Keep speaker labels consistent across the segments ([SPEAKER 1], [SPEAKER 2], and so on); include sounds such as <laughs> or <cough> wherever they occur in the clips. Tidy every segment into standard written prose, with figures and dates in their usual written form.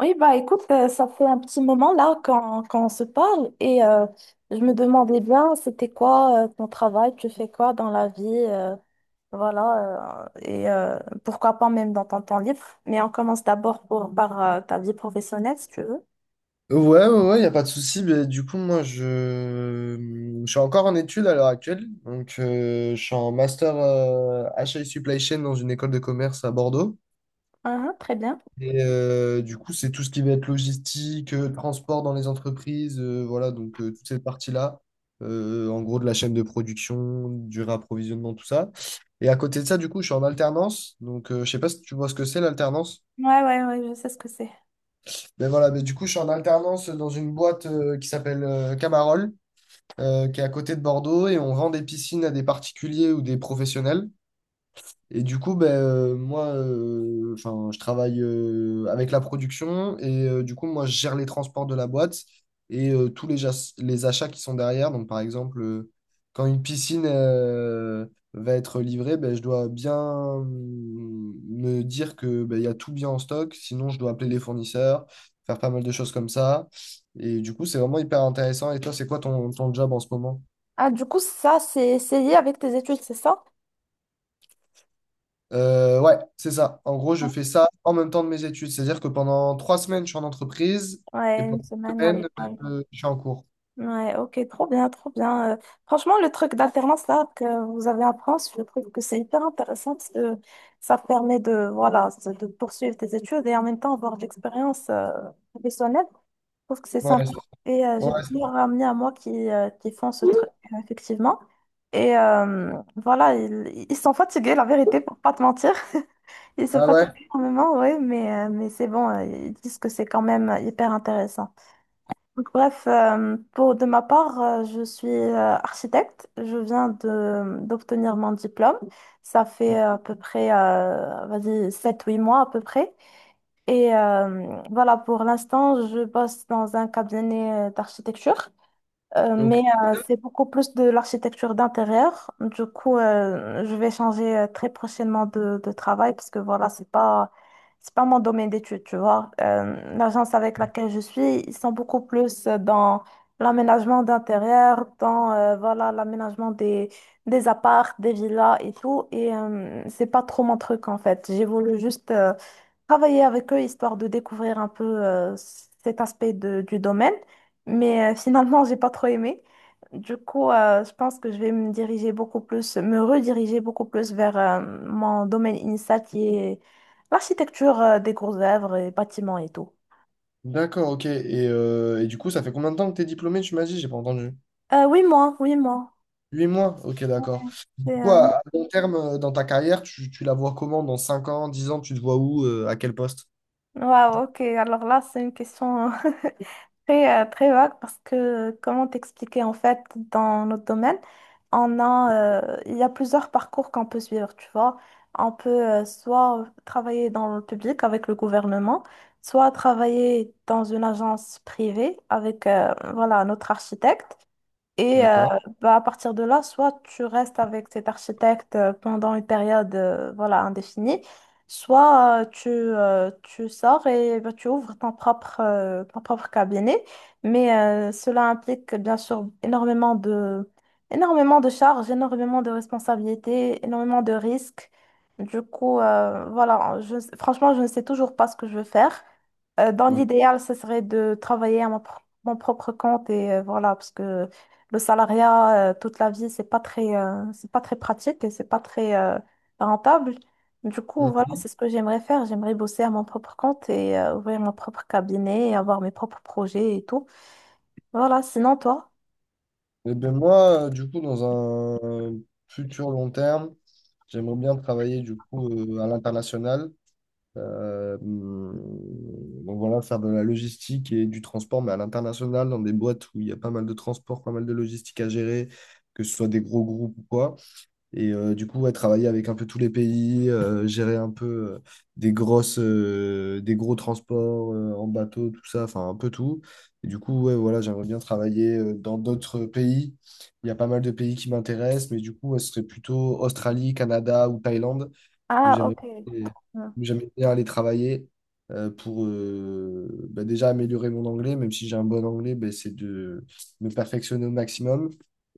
[SPEAKER 1] Oui, bah écoute, ça fait un petit moment là qu'on se parle et je me demandais bien c'était quoi ton travail, tu fais quoi dans la vie, voilà, pourquoi pas même dans ton temps libre. Mais on commence d'abord par ta vie professionnelle si tu veux.
[SPEAKER 2] Ouais, ouais, ouais, y a pas de souci. Mais du coup, moi, je suis encore en études à l'heure actuelle. Donc, je suis en master HI Supply Chain dans une école de commerce à Bordeaux.
[SPEAKER 1] Ah, très bien.
[SPEAKER 2] Et du coup, c'est tout ce qui va être logistique, transport dans les entreprises, voilà, donc toute cette partie-là. En gros, de la chaîne de production, du réapprovisionnement, tout ça. Et à côté de ça, du coup, je suis en alternance. Donc, je sais pas si tu vois ce que c'est l'alternance.
[SPEAKER 1] Ouais, ouais, ouais, je sais ce que c'est.
[SPEAKER 2] Mais voilà, mais du coup, je suis en alternance dans une boîte qui s'appelle Camarol, qui est à côté de Bordeaux et on vend des piscines à des particuliers ou des professionnels. Et du coup, ben, moi, enfin, je travaille avec la production et du coup, moi, je gère les transports de la boîte et tous les, les achats qui sont derrière. Donc, par exemple, quand une piscine va être livrée, ben, je dois bien me dire que ben, il y a tout bien en stock. Sinon, je dois appeler les fournisseurs, faire pas mal de choses comme ça. Et du coup, c'est vraiment hyper intéressant. Et toi, c'est quoi ton, ton job en ce moment?
[SPEAKER 1] Ah, du coup, ça, c'est lié avec tes études, c'est ça?
[SPEAKER 2] Ouais, c'est ça. En gros, je fais ça en même temps de mes études. C'est-à-dire que pendant trois semaines, je suis en entreprise et
[SPEAKER 1] Ouais, une
[SPEAKER 2] pendant une
[SPEAKER 1] semaine à
[SPEAKER 2] semaine,
[SPEAKER 1] l'école.
[SPEAKER 2] je suis en cours.
[SPEAKER 1] Ouais, ok, trop bien, trop bien. Franchement, le truc d'alternance là que vous avez en France, je trouve que c'est hyper intéressant parce que ça te permet de, voilà, de poursuivre tes études et en même temps avoir de l'expérience professionnelle. Je trouve que c'est
[SPEAKER 2] Ouais,
[SPEAKER 1] sympa.
[SPEAKER 2] c'est-
[SPEAKER 1] Et j'ai
[SPEAKER 2] ouais, c'est
[SPEAKER 1] plusieurs amis à moi qui qui font ce truc,
[SPEAKER 2] cool.
[SPEAKER 1] effectivement. Voilà, ils sont fatigués, la vérité, pour pas te mentir. <laughs> Ils se
[SPEAKER 2] Ah ouais?
[SPEAKER 1] fatiguent énormément, oui, mais c'est bon, ils disent que c'est quand même hyper intéressant. Donc, bref, pour de ma part, je suis architecte. Je viens de d'obtenir mon diplôme. Ça fait à peu près, sept-huit mois à peu près. Et voilà, pour l'instant, je bosse dans un cabinet d'architecture. Euh,
[SPEAKER 2] Ok.
[SPEAKER 1] mais euh, c'est beaucoup plus de l'architecture d'intérieur. Du coup, je vais changer très prochainement de travail parce que voilà, c'est pas mon domaine d'études, tu vois. L'agence avec laquelle je suis, ils sont beaucoup plus dans l'aménagement d'intérieur, dans voilà, l'aménagement des apparts, des villas et tout. Et c'est pas trop mon truc en fait. J'ai voulu juste travailler avec eux histoire de découvrir un peu cet du domaine. Mais finalement, <laughs> j'ai pas trop aimé. Du coup, je pense que je vais me diriger beaucoup plus, me rediriger beaucoup plus vers mon domaine initial qui est l'architecture des grosses œuvres et bâtiments et tout.
[SPEAKER 2] D'accord, ok. Et du coup, ça fait combien de temps que tu es diplômé, tu m'as dit? J'ai pas entendu.
[SPEAKER 1] Oui, moi, oui, moi.
[SPEAKER 2] Huit mois? Ok, d'accord. Du
[SPEAKER 1] C'est un-
[SPEAKER 2] à long terme, dans ta carrière, tu la vois comment? Dans 5 ans, 10 ans, tu te vois où? À quel poste?
[SPEAKER 1] Waouh, ok. Alors là, c'est une question très, très vague parce que, comment t'expliquer, en fait, dans notre domaine, il y a plusieurs parcours qu'on peut suivre, tu vois. On peut soit travailler dans le public avec le gouvernement, soit travailler dans une agence privée avec, voilà, notre architecte. Et
[SPEAKER 2] D'accord.
[SPEAKER 1] bah, à partir de là, soit tu restes avec cet architecte pendant une période voilà, indéfinie, soit tu sors et bah, tu ouvres ton propre cabinet. Mais cela implique bien sûr énormément de charges, énormément de responsabilités, énormément de risques. Du coup, voilà, je, franchement, je ne sais toujours pas ce que je veux faire. Dans
[SPEAKER 2] Ok.
[SPEAKER 1] l'idéal, ce serait de travailler à mon propre compte et voilà, parce que le salariat, toute la vie, c'est pas très pratique et c'est pas très, rentable. Du coup, voilà,
[SPEAKER 2] Mhm.
[SPEAKER 1] c'est ce que j'aimerais faire. J'aimerais bosser à mon propre compte et ouvrir mon propre cabinet et avoir mes propres projets et tout. Voilà, sinon toi?
[SPEAKER 2] Eh ben moi, du coup, dans un futur long terme, j'aimerais bien travailler du coup à l'international. Euh, hum, donc voilà, faire de la logistique et du transport, mais à l'international, dans des boîtes où il y a pas mal de transport, pas mal de logistique à gérer, que ce soit des gros groupes ou quoi. Et du coup, ouais, travailler avec un peu tous les pays, gérer un peu euh, des grosses, des gros transports en bateau, tout ça, enfin un peu tout. Et du coup, ouais, voilà, j'aimerais bien travailler dans d'autres pays. Il y a pas mal de pays qui m'intéressent, mais du coup, ouais, ce serait plutôt Australie, Canada ou Thaïlande où
[SPEAKER 1] Ah,
[SPEAKER 2] j'aimerais
[SPEAKER 1] ok. Hmm.
[SPEAKER 2] où j'aimerais bien aller travailler pour bah, déjà améliorer mon anglais, même si j'ai un bon anglais, bah, c'est de me perfectionner au maximum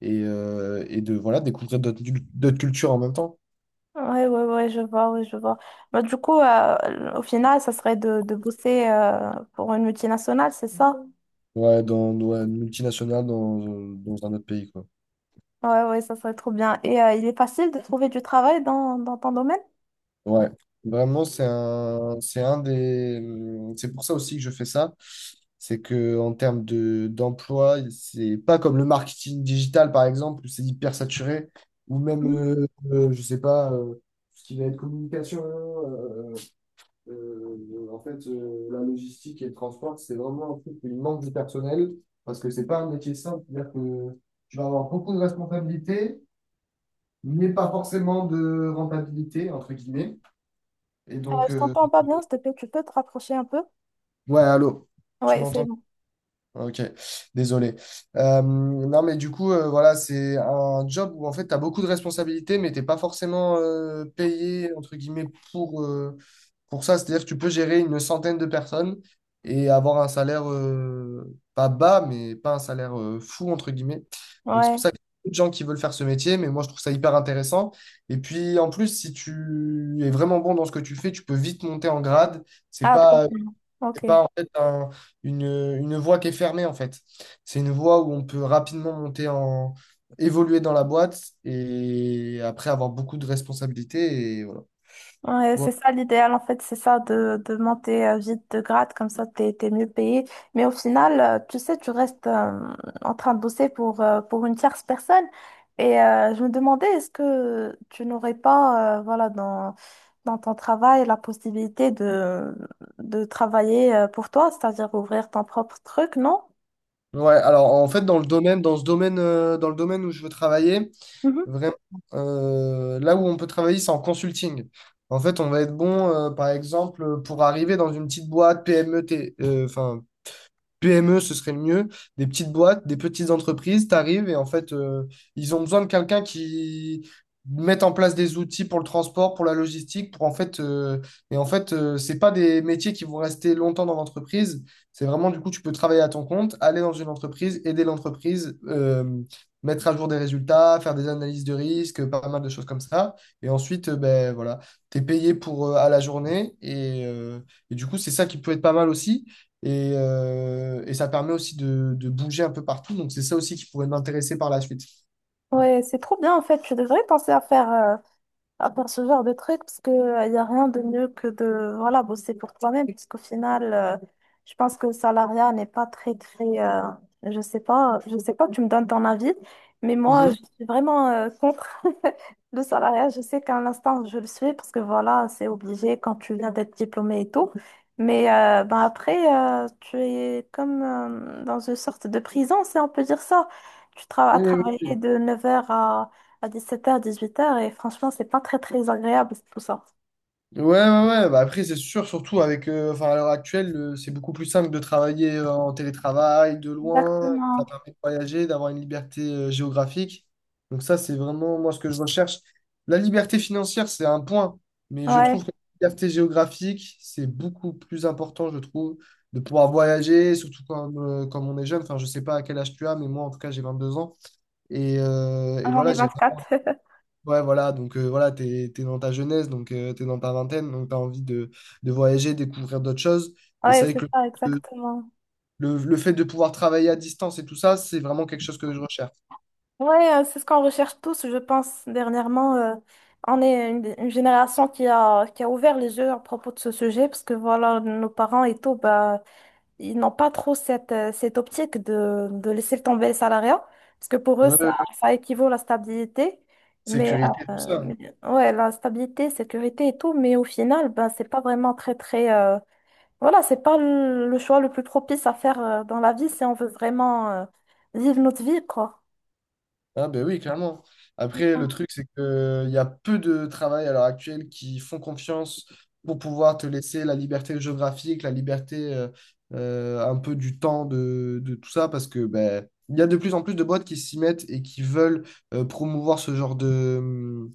[SPEAKER 2] et de voilà, découvrir d'autres cultures en même temps.
[SPEAKER 1] Ouais, ouais, ouais, je vois, ouais, je vois. Bah, du coup, au final, ça serait de bosser pour une multinationale, c'est ça? Mhm.
[SPEAKER 2] Ouais, dans, dans une multinationale, dans, dans un autre pays, quoi.
[SPEAKER 1] Ouais, ouais, ça serait trop bien. Et il est facile de trouver du travail dans ton domaine?
[SPEAKER 2] Ouais, vraiment, c'est un des, c'est pour ça aussi que je fais ça. C'est que en termes de d'emploi, c'est pas comme le marketing digital par exemple où c'est hyper saturé, ou même, je sais pas, ce qui va être communication, en fait, la logistique et le transport, c'est vraiment un truc où il manque du personnel parce que c'est pas un métier simple, c'est-à-dire que tu vas avoir beaucoup de responsabilités, mais pas forcément de rentabilité entre guillemets. Et donc,
[SPEAKER 1] Je
[SPEAKER 2] euh.
[SPEAKER 1] t'entends pas bien, s'il te plaît, tu peux te rapprocher un peu?
[SPEAKER 2] Ouais, allô, tu
[SPEAKER 1] Ouais, c'est
[SPEAKER 2] m'entends?
[SPEAKER 1] bon.
[SPEAKER 2] Ok, désolé. Non, mais du coup, voilà, c'est un job où en fait, tu as beaucoup de responsabilités, mais t'es pas forcément payé, entre guillemets, pour ça. C'est-à-dire que tu peux gérer une centaine de personnes et avoir un salaire pas bas, mais pas un salaire fou, entre guillemets. Donc, c'est
[SPEAKER 1] Ouais.
[SPEAKER 2] pour ça qu'il y a beaucoup de gens qui veulent faire ce métier, mais moi, je trouve ça hyper intéressant. Et puis, en plus, si tu es vraiment bon dans ce que tu fais, tu peux vite monter en grade. C'est
[SPEAKER 1] Ah, trop
[SPEAKER 2] pas
[SPEAKER 1] bien. Ok.
[SPEAKER 2] c'est pas en fait une voie qui est fermée en fait. C'est une voie où on peut rapidement monter en évoluer dans la boîte et après avoir beaucoup de responsabilités et voilà.
[SPEAKER 1] Ouais,
[SPEAKER 2] Ouais,
[SPEAKER 1] c'est ça l'idéal, en fait, c'est ça de monter vite de grade, comme ça t'es mieux payé. Mais au final, tu sais, tu restes en train de bosser pour une tierce personne. Et je me demandais, est-ce que tu n'aurais pas, voilà, dans ton travail, la possibilité de travailler pour toi, c'est-à-dire ouvrir ton propre truc, non?
[SPEAKER 2] ouais, alors en fait dans le domaine dans ce domaine dans le domaine où je veux travailler, vraiment là où on peut travailler c'est en consulting. En fait, on va être bon par exemple pour arriver dans une petite boîte PME, enfin PME, ce serait le mieux. Des petites boîtes, des petites entreprises, t'arrives et en fait, ils ont besoin de quelqu'un qui mette en place des outils pour le transport, pour la logistique, pour en fait, et en fait, c'est pas des métiers qui vont rester longtemps dans l'entreprise. C'est vraiment, du coup, tu peux travailler à ton compte, aller dans une entreprise, aider l'entreprise, mettre à jour des résultats, faire des analyses de risque, pas mal de choses comme ça. Et ensuite, ben voilà, t'es payé pour à la journée et du coup, c'est ça qui peut être pas mal aussi. Et ça permet aussi de bouger un peu partout. Donc, c'est ça aussi qui pourrait m'intéresser par la suite.
[SPEAKER 1] Ouais, c'est trop bien en fait. Tu devrais penser à faire ce genre de trucs parce que il n'y a rien de mieux que de voilà bosser pour toi-même parce qu'au final je pense que le salariat n'est pas très très je sais pas, tu me donnes ton avis, mais moi
[SPEAKER 2] Mhm.
[SPEAKER 1] je suis vraiment contre <laughs> le salariat. Je sais qu'à l'instant je le suis parce que voilà c'est obligé quand tu viens d'être diplômé et tout, mais ben après tu es comme dans une sorte de prison, si on peut dire ça. tu travailles à
[SPEAKER 2] Oui, oui, oui.
[SPEAKER 1] travailler de 9h à 17h, 18h, et franchement, c'est pas très, très agréable, tout ça.
[SPEAKER 2] Ouais, ouais, ouais. Bah après, c'est sûr, surtout avec, enfin, à l'heure actuelle, c'est beaucoup plus simple de travailler en télétravail, de loin. Ça
[SPEAKER 1] Exactement.
[SPEAKER 2] permet de voyager, d'avoir une liberté géographique. Donc ça, c'est vraiment moi ce que je recherche. La liberté financière, c'est un point, mais je
[SPEAKER 1] Ouais.
[SPEAKER 2] trouve que la liberté géographique, c'est beaucoup plus important, je trouve, de pouvoir voyager, surtout quand, quand on est jeune. Enfin, je sais pas à quel âge tu as, mais moi, en tout cas, j'ai 22 ans. Et
[SPEAKER 1] J'en
[SPEAKER 2] voilà,
[SPEAKER 1] ai
[SPEAKER 2] j'ai.
[SPEAKER 1] 24. <laughs>
[SPEAKER 2] Ouais, voilà, donc voilà, t'es, t'es dans ta jeunesse, donc t'es dans ta vingtaine, donc t'as envie de voyager, découvrir d'autres choses. Et c'est
[SPEAKER 1] Ouais,
[SPEAKER 2] vrai
[SPEAKER 1] c'est
[SPEAKER 2] que
[SPEAKER 1] ça,
[SPEAKER 2] le,
[SPEAKER 1] exactement.
[SPEAKER 2] le fait de pouvoir travailler à distance et tout ça, c'est vraiment quelque chose que je recherche.
[SPEAKER 1] Ouais, c'est ce qu'on recherche tous, je pense, dernièrement. Euh, on est une génération qui a ouvert les yeux à propos de ce sujet, parce que voilà, nos parents et tout, bah, ils n'ont pas trop cette, cette optique de laisser tomber le salariat, parce que pour eux,
[SPEAKER 2] Ouais, ouais, ouais.
[SPEAKER 1] ça équivaut à la stabilité. Mais
[SPEAKER 2] Sécurité, tout
[SPEAKER 1] euh,
[SPEAKER 2] ça.
[SPEAKER 1] mais- ouais, la stabilité, sécurité et tout, mais au final, ben, c'est pas vraiment très, très. Voilà, c'est pas le choix le plus propice à faire dans la vie, si on veut vraiment vivre notre vie, quoi.
[SPEAKER 2] Ah ben oui, clairement. Après, le
[SPEAKER 1] Mm.
[SPEAKER 2] truc, c'est qu'il y a peu de travail à l'heure actuelle qui font confiance pour pouvoir te laisser la liberté géographique, la liberté un peu du temps de tout ça, parce que ben, il y a de plus en plus de boîtes qui s'y mettent et qui veulent promouvoir ce genre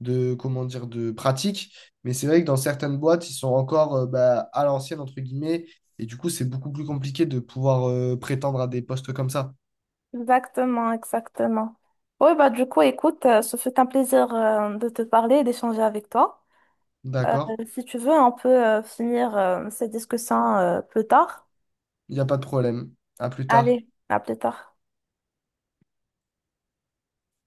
[SPEAKER 2] de, comment dire, de pratique. Mais c'est vrai que dans certaines boîtes, ils sont encore ben, à l'ancienne, entre guillemets, et du coup, c'est beaucoup plus compliqué de pouvoir prétendre à des postes comme ça.
[SPEAKER 1] Exactement, exactement. Oui, bah, du coup, écoute, ce fut un plaisir de te parler et d'échanger avec toi. Euh,
[SPEAKER 2] D'accord?
[SPEAKER 1] si tu veux, on peut finir cette discussion plus tard.
[SPEAKER 2] Il n'y a pas de problème. À plus tard.
[SPEAKER 1] Allez, à plus tard.